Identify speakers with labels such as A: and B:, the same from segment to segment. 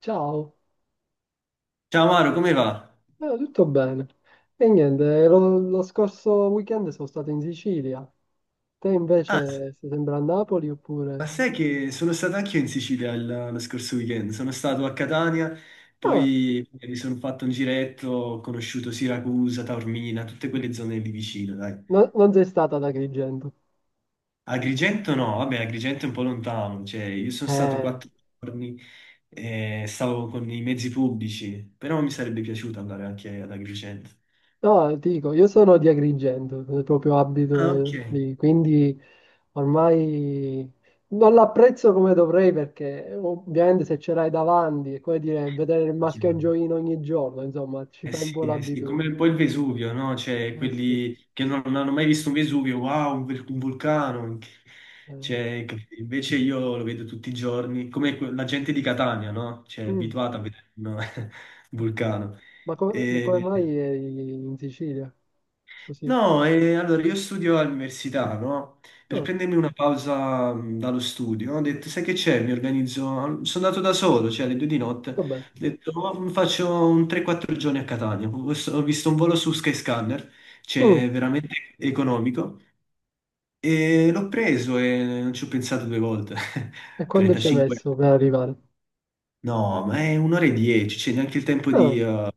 A: Ciao.
B: Ciao Maro, come va?
A: Tutto bene. E niente, lo scorso weekend sono stato in Sicilia. Te
B: Ah,
A: invece sei sempre a Napoli
B: ma
A: oppure...
B: sai che sono stato anch'io in Sicilia lo scorso weekend, sono stato a Catania,
A: Ah,
B: poi mi sono fatto un giretto, ho conosciuto Siracusa, Taormina, tutte quelle zone lì vicino, dai.
A: non sei stata ad Agrigento.
B: Agrigento no, vabbè, Agrigento è un po' lontano, cioè io sono stato
A: Eh,
B: 4 giorni e stavo con i mezzi pubblici, però mi sarebbe piaciuto andare anche ad Agrigento.
A: no, ti dico, io sono di Agrigento, proprio
B: Ah, ok.
A: abito lì, quindi ormai non l'apprezzo come dovrei perché ovviamente se ce l'hai davanti è come dire vedere il mascagnoino ogni giorno, insomma, ci
B: Eh
A: fai un
B: sì,
A: po'
B: eh sì. È
A: l'abitudine.
B: come poi il Vesuvio, no? Cioè,
A: Eh sì.
B: quelli che non hanno mai visto un Vesuvio, wow, un vulcano.
A: Eh.
B: Cioè, invece io lo vedo tutti i giorni, come la gente di Catania, no? Cioè, è
A: Mm.
B: abituata a vedere un un vulcano.
A: Ma come
B: E-
A: mai eri in Sicilia? Così.
B: No, e allora io studio all'università, no? Per
A: Ah,
B: prendermi una pausa dallo studio, ho detto, sai che c'è? Mi organizzo, sono andato da solo, cioè alle 2 di notte,
A: va
B: ho
A: bene.
B: detto, "Oh, mi faccio un 3-4 giorni a Catania, ho visto un volo su Skyscanner,
A: Mm,
B: cioè veramente economico, e l'ho preso e non ci ho pensato due volte,
A: E quando ci hai
B: 35 euro.
A: messo per arrivare?
B: No, ma è un'ora e dieci, c'è neanche il tempo
A: Ah,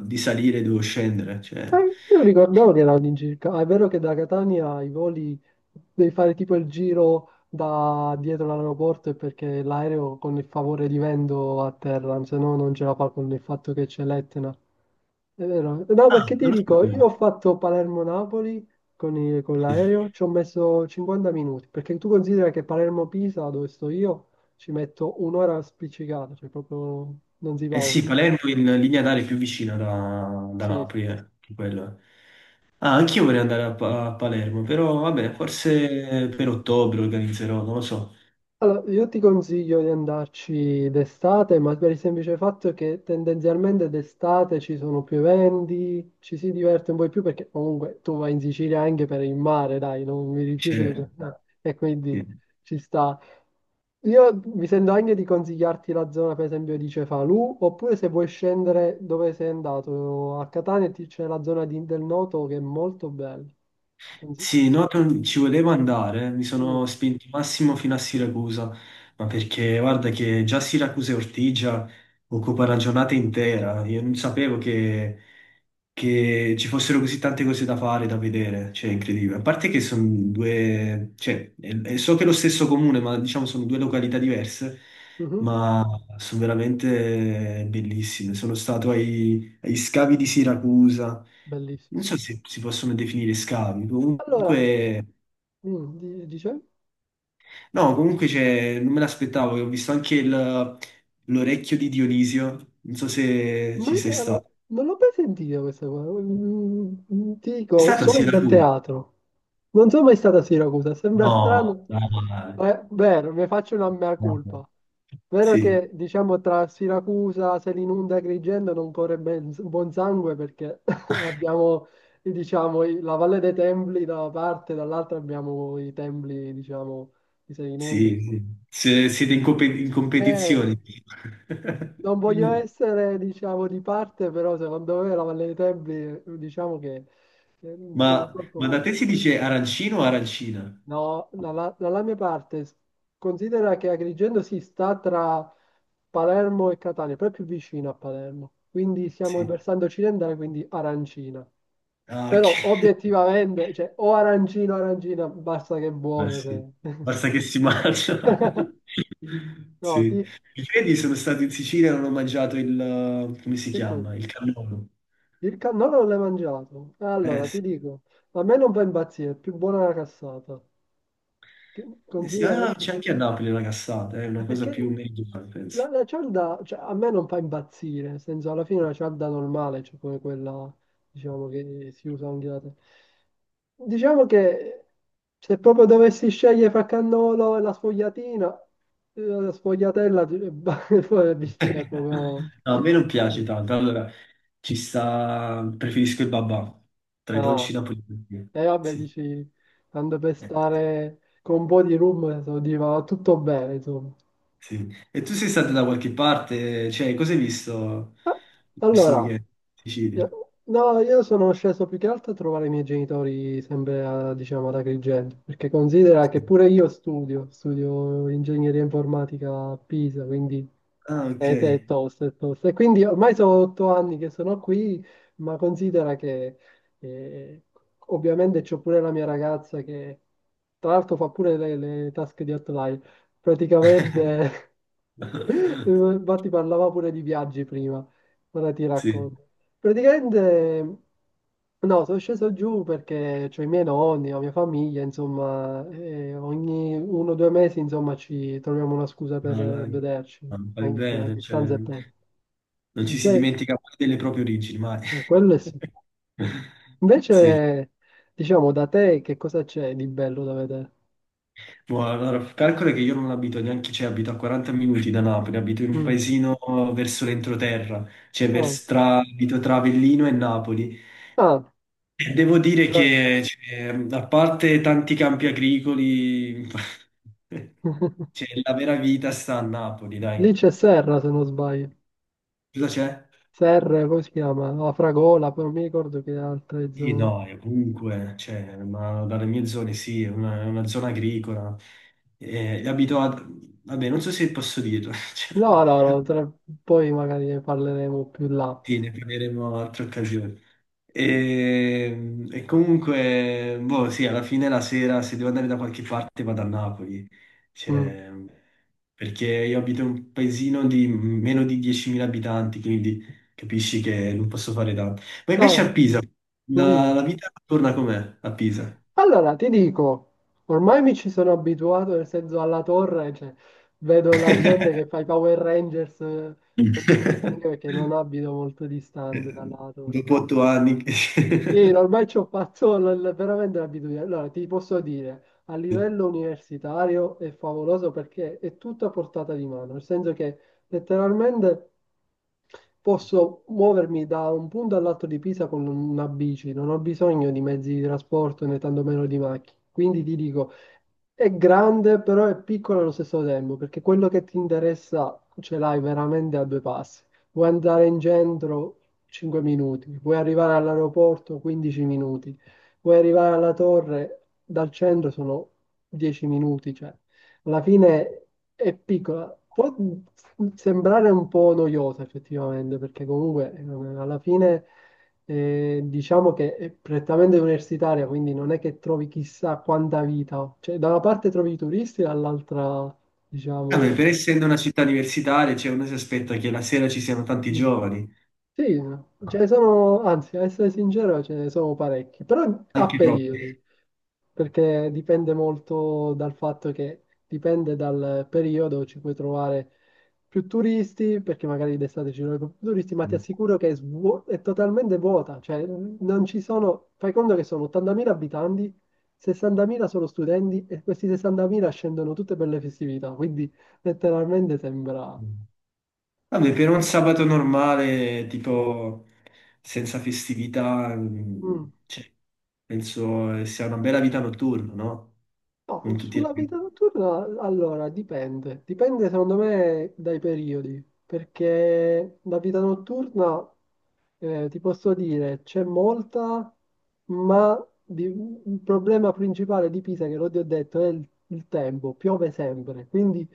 B: di salire, devo scendere,
A: ah,
B: cioè...
A: io ricordavo che erano all'incirca. Ah, è vero che da Catania i voli devi fare tipo il giro da dietro l'aeroporto e perché l'aereo con il favore di vento atterra, se no non ce la fa con il fatto che c'è l'Etna. È vero? No,
B: Ah,
A: perché ti
B: non lo
A: dico,
B: sapevo.
A: io ho fatto Palermo-Napoli con l'aereo, ci ho messo 50 minuti, perché tu considera che Palermo-Pisa, dove sto io, ci metto un'ora spiccicata, cioè proprio non si va
B: Eh sì,
A: oltre.
B: Palermo è in linea d'aria è più vicina da
A: Sì,
B: Napoli, che quello è. Ah, anch'io vorrei andare a Palermo, però
A: sì.
B: vabbè, forse per ottobre organizzerò, non lo so.
A: Allora, io ti consiglio di andarci d'estate, ma per il semplice fatto che tendenzialmente d'estate ci sono più eventi, ci si diverte un po' di più perché comunque tu vai in Sicilia anche per il mare, dai, non mi rifiuto di...
B: C'è-
A: e
B: sì.
A: quindi ci sta. Io mi sento anche di consigliarti la zona, per esempio, di Cefalù, oppure se vuoi scendere dove sei andato, a Catania c'è la zona del Noto che è molto bella. Consiglio.
B: Sì, no, ci volevo andare, mi
A: Mm,
B: sono spinto massimo fino a Siracusa, ma perché guarda che già Siracusa e Ortigia occupa una giornata intera, io non sapevo che ci fossero così tante cose da fare, da vedere, cioè è incredibile. A parte che sono due, cioè, e so che è lo stesso comune, ma diciamo sono due località diverse,
A: mhm.
B: ma sono veramente bellissime. Sono stato agli scavi di Siracusa.
A: Bellissimo.
B: Non so se si possono definire scavi,
A: Allora,
B: comunque,
A: Dice,
B: no, comunque c'è, non me l'aspettavo, ho visto anche l'orecchio di Dionisio, non so se ci sei
A: allora,
B: stato.
A: non l'ho mai sentita questa qua. Ti
B: È
A: dico,
B: stato a
A: sono dal
B: Siracusa?
A: teatro. Non sono mai stata a Siracusa, sembra
B: No,
A: strano,
B: dai,
A: ma è vero, mi faccio una mea
B: no.
A: colpa. Vero
B: Sì,
A: che, diciamo, tra Siracusa, Selinunte e Agrigento non corre buon sangue perché abbiamo, diciamo, la Valle dei Templi da una parte, dall'altra abbiamo i templi, diciamo, di
B: sì,
A: Selinunte.
B: sì. Siete in competizione.
A: Non voglio essere, diciamo, di parte, però secondo me la Valle dei Templi, diciamo che è un po' un
B: Ma da
A: corpo...
B: te si dice arancino o arancina?
A: No, dalla mia parte, considera che Agrigento si sta tra Palermo e Catania, proprio più vicino a Palermo, quindi siamo il
B: Sì.
A: versante occidentale, quindi arancina.
B: Ah, ok.
A: Però obiettivamente, cioè, o arancino o arancina, basta che è
B: Ma
A: buona, cioè.
B: sì, basta che si mangia.
A: No,
B: Sì.
A: ti...
B: I piedi sono stato in Sicilia e non ho mangiato il, come si
A: Che cosa?
B: chiama? Il cannolo.
A: Il cannolo non l'hai mangiato?
B: Eh
A: Allora, ti
B: sì,
A: dico, a me non fa impazzire, è più buona la cassata. Che
B: eh sì.
A: considera...
B: Ah, c'è anche a Napoli la cassata, è
A: ma
B: una cosa più
A: perché
B: meridionale, penso.
A: la cialda, cioè, a me non fa impazzire, nel senso, alla fine è una cialda normale, cioè come quella, diciamo, che si usa anche da te. Diciamo che se proprio dovessi scegliere fra cannolo e la sfogliatina, la sfogliatella, poi c'è
B: No,
A: proprio...
B: a me non piace tanto. Allora, ci sta, preferisco il babà, tra i dolci
A: Ah.
B: napoletani.
A: E vabbè,
B: Sì.
A: dici, tanto per
B: Eh,
A: stare con un po' di rum, so, va tutto bene, insomma.
B: sì. E tu sei stato da qualche parte? Cioè, cosa hai visto questo
A: Allora,
B: weekend in Sicilia?
A: no, io sono sceso più che altro a trovare i miei genitori sempre, diciamo, ad Agrigento, perché considera che
B: Sì.
A: pure io studio, studio ingegneria informatica a Pisa, quindi
B: Ah, ok.
A: è tosta, è tosta. E quindi ormai sono 8 anni che sono qui, ma considera che eh, ovviamente c'ho pure la mia ragazza che tra l'altro fa pure le tasche di Outlier. Praticamente, infatti parlava pure di viaggi prima, ora ti
B: Sì,
A: racconto. Praticamente, no, sono sceso giù perché c'ho i miei nonni, la mia famiglia, insomma, e ogni 1 o 2 mesi, insomma, ci troviamo una scusa per
B: no, dai,
A: vederci,
B: ma fai
A: anche che la
B: bene, cioè,
A: distanza è tanta.
B: non ci si
A: Dice,
B: dimentica mai delle proprie origini, mai.
A: quello è sì.
B: Sì,
A: Invece, diciamo, da te che cosa c'è di bello da vedere?
B: boh, allora, calcola che io non abito neanche, cioè abito a 40 minuti da Napoli, abito in un
A: Mm.
B: paesino verso l'entroterra, cioè
A: Ah,
B: tra, abito tra Avellino e Napoli.
A: ah,
B: E devo dire
A: dai.
B: che, cioè, a parte tanti campi agricoli, cioè, la vera vita sta a Napoli,
A: Lì
B: dai.
A: c'è Serra, se non sbaglio.
B: Cosa c'è?
A: Serra, come si chiama? La Fragola, poi non mi ricordo che altre
B: Sì,
A: zone.
B: no, e comunque, cioè, ma dalle mie zone sì, è una zona agricola. E abito a... Vabbè, non so se posso dirlo. cioè,
A: No, no, no, poi magari ne parleremo più là.
B: sì, ne parleremo altre occasioni. E comunque, boh, sì, alla fine la sera, se devo andare da qualche parte, vado a Napoli.
A: Mm.
B: Cioè, perché io abito in un paesino di meno di 10.000 abitanti, quindi capisci che non posso fare tanto. Ma invece
A: Ah,
B: a Pisa, la,
A: dimmi.
B: la vita torna com'è a Pisa?
A: Allora, ti dico, ormai mi ci sono abituato, nel senso alla torre, cioè, vedo la gente che fa i Power Rangers ogni mattina, anche perché non abito molto distante
B: Eh,
A: dalla torre.
B: Dopo 8 anni,
A: Sì, ormai ci ho fatto veramente l'abitudine. Allora, ti posso dire, a livello universitario è favoloso perché è tutto a portata di mano, nel senso che letteralmente... Posso muovermi da un punto all'altro di Pisa con una bici, non ho bisogno di mezzi di trasporto né tantomeno di macchine. Quindi ti dico, è grande, però è piccola allo stesso tempo, perché quello che ti interessa ce l'hai veramente a due passi. Vuoi andare in centro 5 minuti, vuoi arrivare all'aeroporto 15 minuti, vuoi arrivare alla torre dal centro sono 10 minuti, cioè alla fine è piccola. Può sembrare un po' noiosa effettivamente, perché comunque alla fine diciamo che è prettamente universitaria, quindi non è che trovi chissà quanta vita. Cioè, da una parte trovi i turisti, dall'altra,
B: Vabbè,
A: diciamo...
B: per essendo una città universitaria, cioè, uno si aspetta che la sera ci siano tanti
A: Mm,
B: giovani,
A: sì, ce ne sono, anzi, a essere sincero, ce ne sono parecchi, però a
B: anche troppi.
A: periodi. Perché dipende molto dal fatto che dipende dal periodo, ci puoi trovare più turisti, perché magari d'estate ci sono più turisti, ma ti assicuro che è, è totalmente vuota, cioè non ci sono, fai conto che sono 80.000 abitanti, 60.000 sono studenti e questi 60.000 scendono tutte per le festività, quindi letteralmente sembra...
B: Vabbè, per un sabato normale, tipo senza festività,
A: Mm.
B: cioè, penso sia una bella vita notturna, no?
A: No,
B: Con tutti i
A: sulla vita
B: ragazzi.
A: notturna, allora, dipende. Dipende secondo me dai periodi, perché la vita notturna, ti posso dire, c'è molta, ma il problema principale di Pisa, che l'ho già detto, è il tempo, piove sempre. Quindi,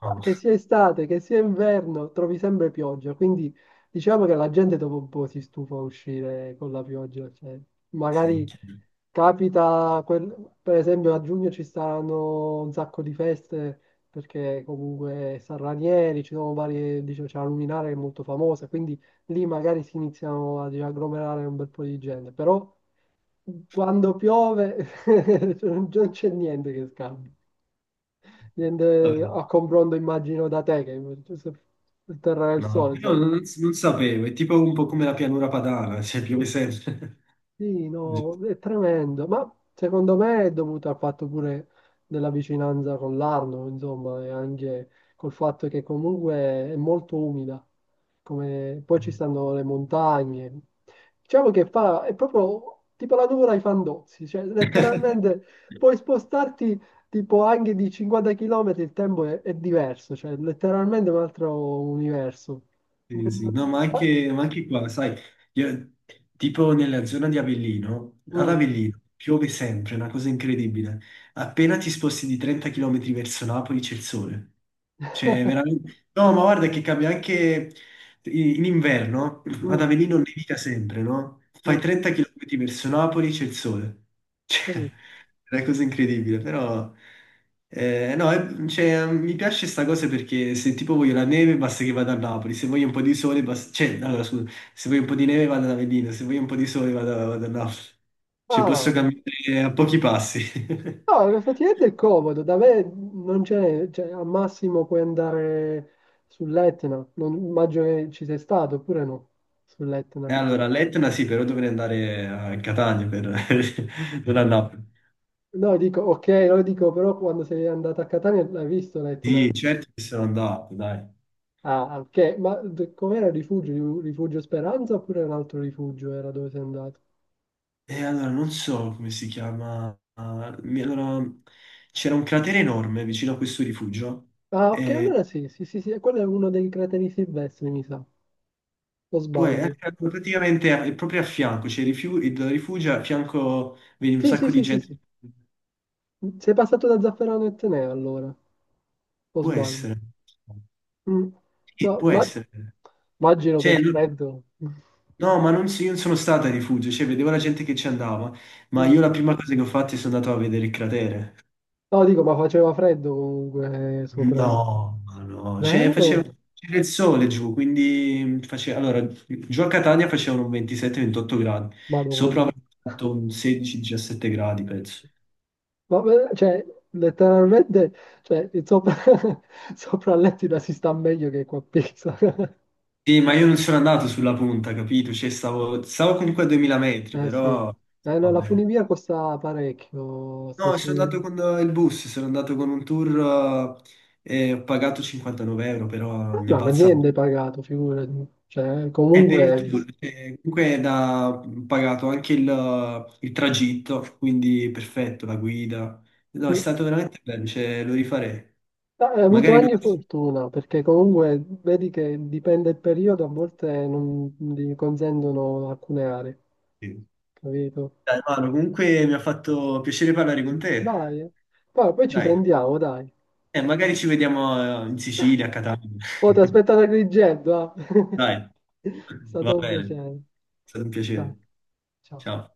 B: No,
A: che sia estate, che sia inverno, trovi sempre pioggia. Quindi diciamo che la gente dopo un po' si stufa a uscire con la pioggia, cioè,
B: sì,
A: magari
B: chiaro.
A: capita, per esempio a giugno ci saranno un sacco di feste perché comunque San Ranieri, ci sono varie, dicevo, c'è la Luminare che è molto famosa, quindi lì magari si iniziano ad agglomerare un bel po' di gente, però quando piove non c'è niente che scambi, niente
B: Vabbè,
A: a confronto immagino da te che il terra del
B: no,
A: sole,
B: però
A: insomma.
B: non sapevo, è tipo un po' come la pianura padana, cioè piove sempre.
A: Sì, no, è tremendo, ma secondo me è dovuto al fatto pure della vicinanza con l'Arno, insomma, e anche col fatto che comunque è molto umida, come... poi ci stanno le montagne, diciamo che fa, è proprio tipo la nuvola ai Fandozzi, cioè letteralmente puoi spostarti tipo anche di 50 km, il tempo è diverso, cioè letteralmente un altro universo.
B: Sì,
A: Mm,
B: sì. No, ma anche qua, sai, io- tipo nella zona di Avellino, ad
A: mm,
B: Avellino piove sempre, è una cosa incredibile. Appena ti sposti di 30 km verso Napoli c'è il sole. Cioè, veramente... No, ma guarda che cambia anche in inverno, ad
A: mm,
B: Avellino nevica sempre, no? Fai
A: mm,
B: 30 km verso Napoli c'è il sole. Cioè,
A: capito?
B: è una cosa incredibile, però no, cioè, mi piace sta cosa perché se tipo voglio la neve basta che vada a Napoli, se voglio un po' di sole basta, cioè, allora, scusa, se voglio un po' di neve vado ad Avellino, se voglio un po' di sole vado a Napoli, cioè posso
A: Ah,
B: camminare a pochi passi.
A: no, effettivamente è comodo, da me non c'è, cioè, al massimo puoi andare sull'Etna, non immagino che ci sei stato, oppure no,
B: E
A: sull'Etna.
B: allora all'Etna sì, però dovrei andare a Catania per... non a Napoli.
A: No, dico, ok, lo dico, però quando sei andato a Catania l'hai visto l'Etna?
B: Sì, certo che sono andato, dai.
A: Ah, ok, ma com'era il rifugio? Il Rifugio Speranza oppure era un altro rifugio era dove sei andato?
B: E allora non so come si chiama. Allora, c'era un cratere enorme vicino a questo rifugio.
A: Ah, ok,
B: E
A: allora sì, sì, sì, sì, quello è uno dei crateri silvestri, mi sa, o
B: poi
A: sbaglio.
B: praticamente proprio a fianco c'è il rifugio, a fianco vedi un
A: Sì, sì,
B: sacco di
A: sì, sì,
B: gente.
A: sì, sei passato da Zafferano e Teneo allora, o
B: Può
A: sbaglio.
B: essere.
A: Mm.
B: Sì,
A: No,
B: può essere.
A: immagino che il
B: Cioè,
A: freddo.
B: no, ma non, io non sono stato al rifugio, cioè, vedevo la gente che ci andava, ma
A: Mm.
B: io la prima cosa che ho fatto è sono andato a vedere il cratere.
A: No, dico, ma faceva freddo comunque sopra.
B: No, ma no, cioè faceva,
A: Vero?
B: c'era il sole giù, quindi faceva, allora, giù a Catania facevano 27-28 gradi, sopra
A: Madonna.
B: avevano fatto un 16-17 gradi, penso.
A: Ma cioè, letteralmente, cioè, il sopra, sopra a L'Aquila si sta meglio che qua a Pisa.
B: Sì, ma io non sono andato sulla punta, capito? Cioè, stavo comunque a 2000 metri,
A: Eh sì.
B: però
A: No, la
B: vabbè.
A: funivia costa parecchio.
B: No, sono andato con il bus, sono andato con un tour e ho pagato 59 euro, però mi è
A: No, ma
B: balzato.
A: niente è pagato, figurati. Cioè,
B: Per
A: comunque
B: il
A: hai
B: tour,
A: visto.
B: comunque è da pagato anche il tragitto, quindi perfetto, la guida. No, è
A: Mm.
B: stato veramente bello, cioè, lo rifarei.
A: Ma hai avuto
B: Magari non...
A: anche fortuna, perché comunque vedi che dipende il periodo, a volte non gli consentono alcune aree,
B: Sì.
A: capito?
B: Dai, Manu, comunque mi ha fatto piacere parlare con te.
A: Dai, eh. Poi ci
B: Dai,
A: sentiamo, dai.
B: magari ci vediamo in Sicilia, a Catania.
A: Oh, ti aspetto da Agrigento, ah.
B: Dai,
A: È
B: va
A: stato un
B: bene,
A: piacere.
B: è stato un piacere.
A: Ciao, ciao.
B: Ciao.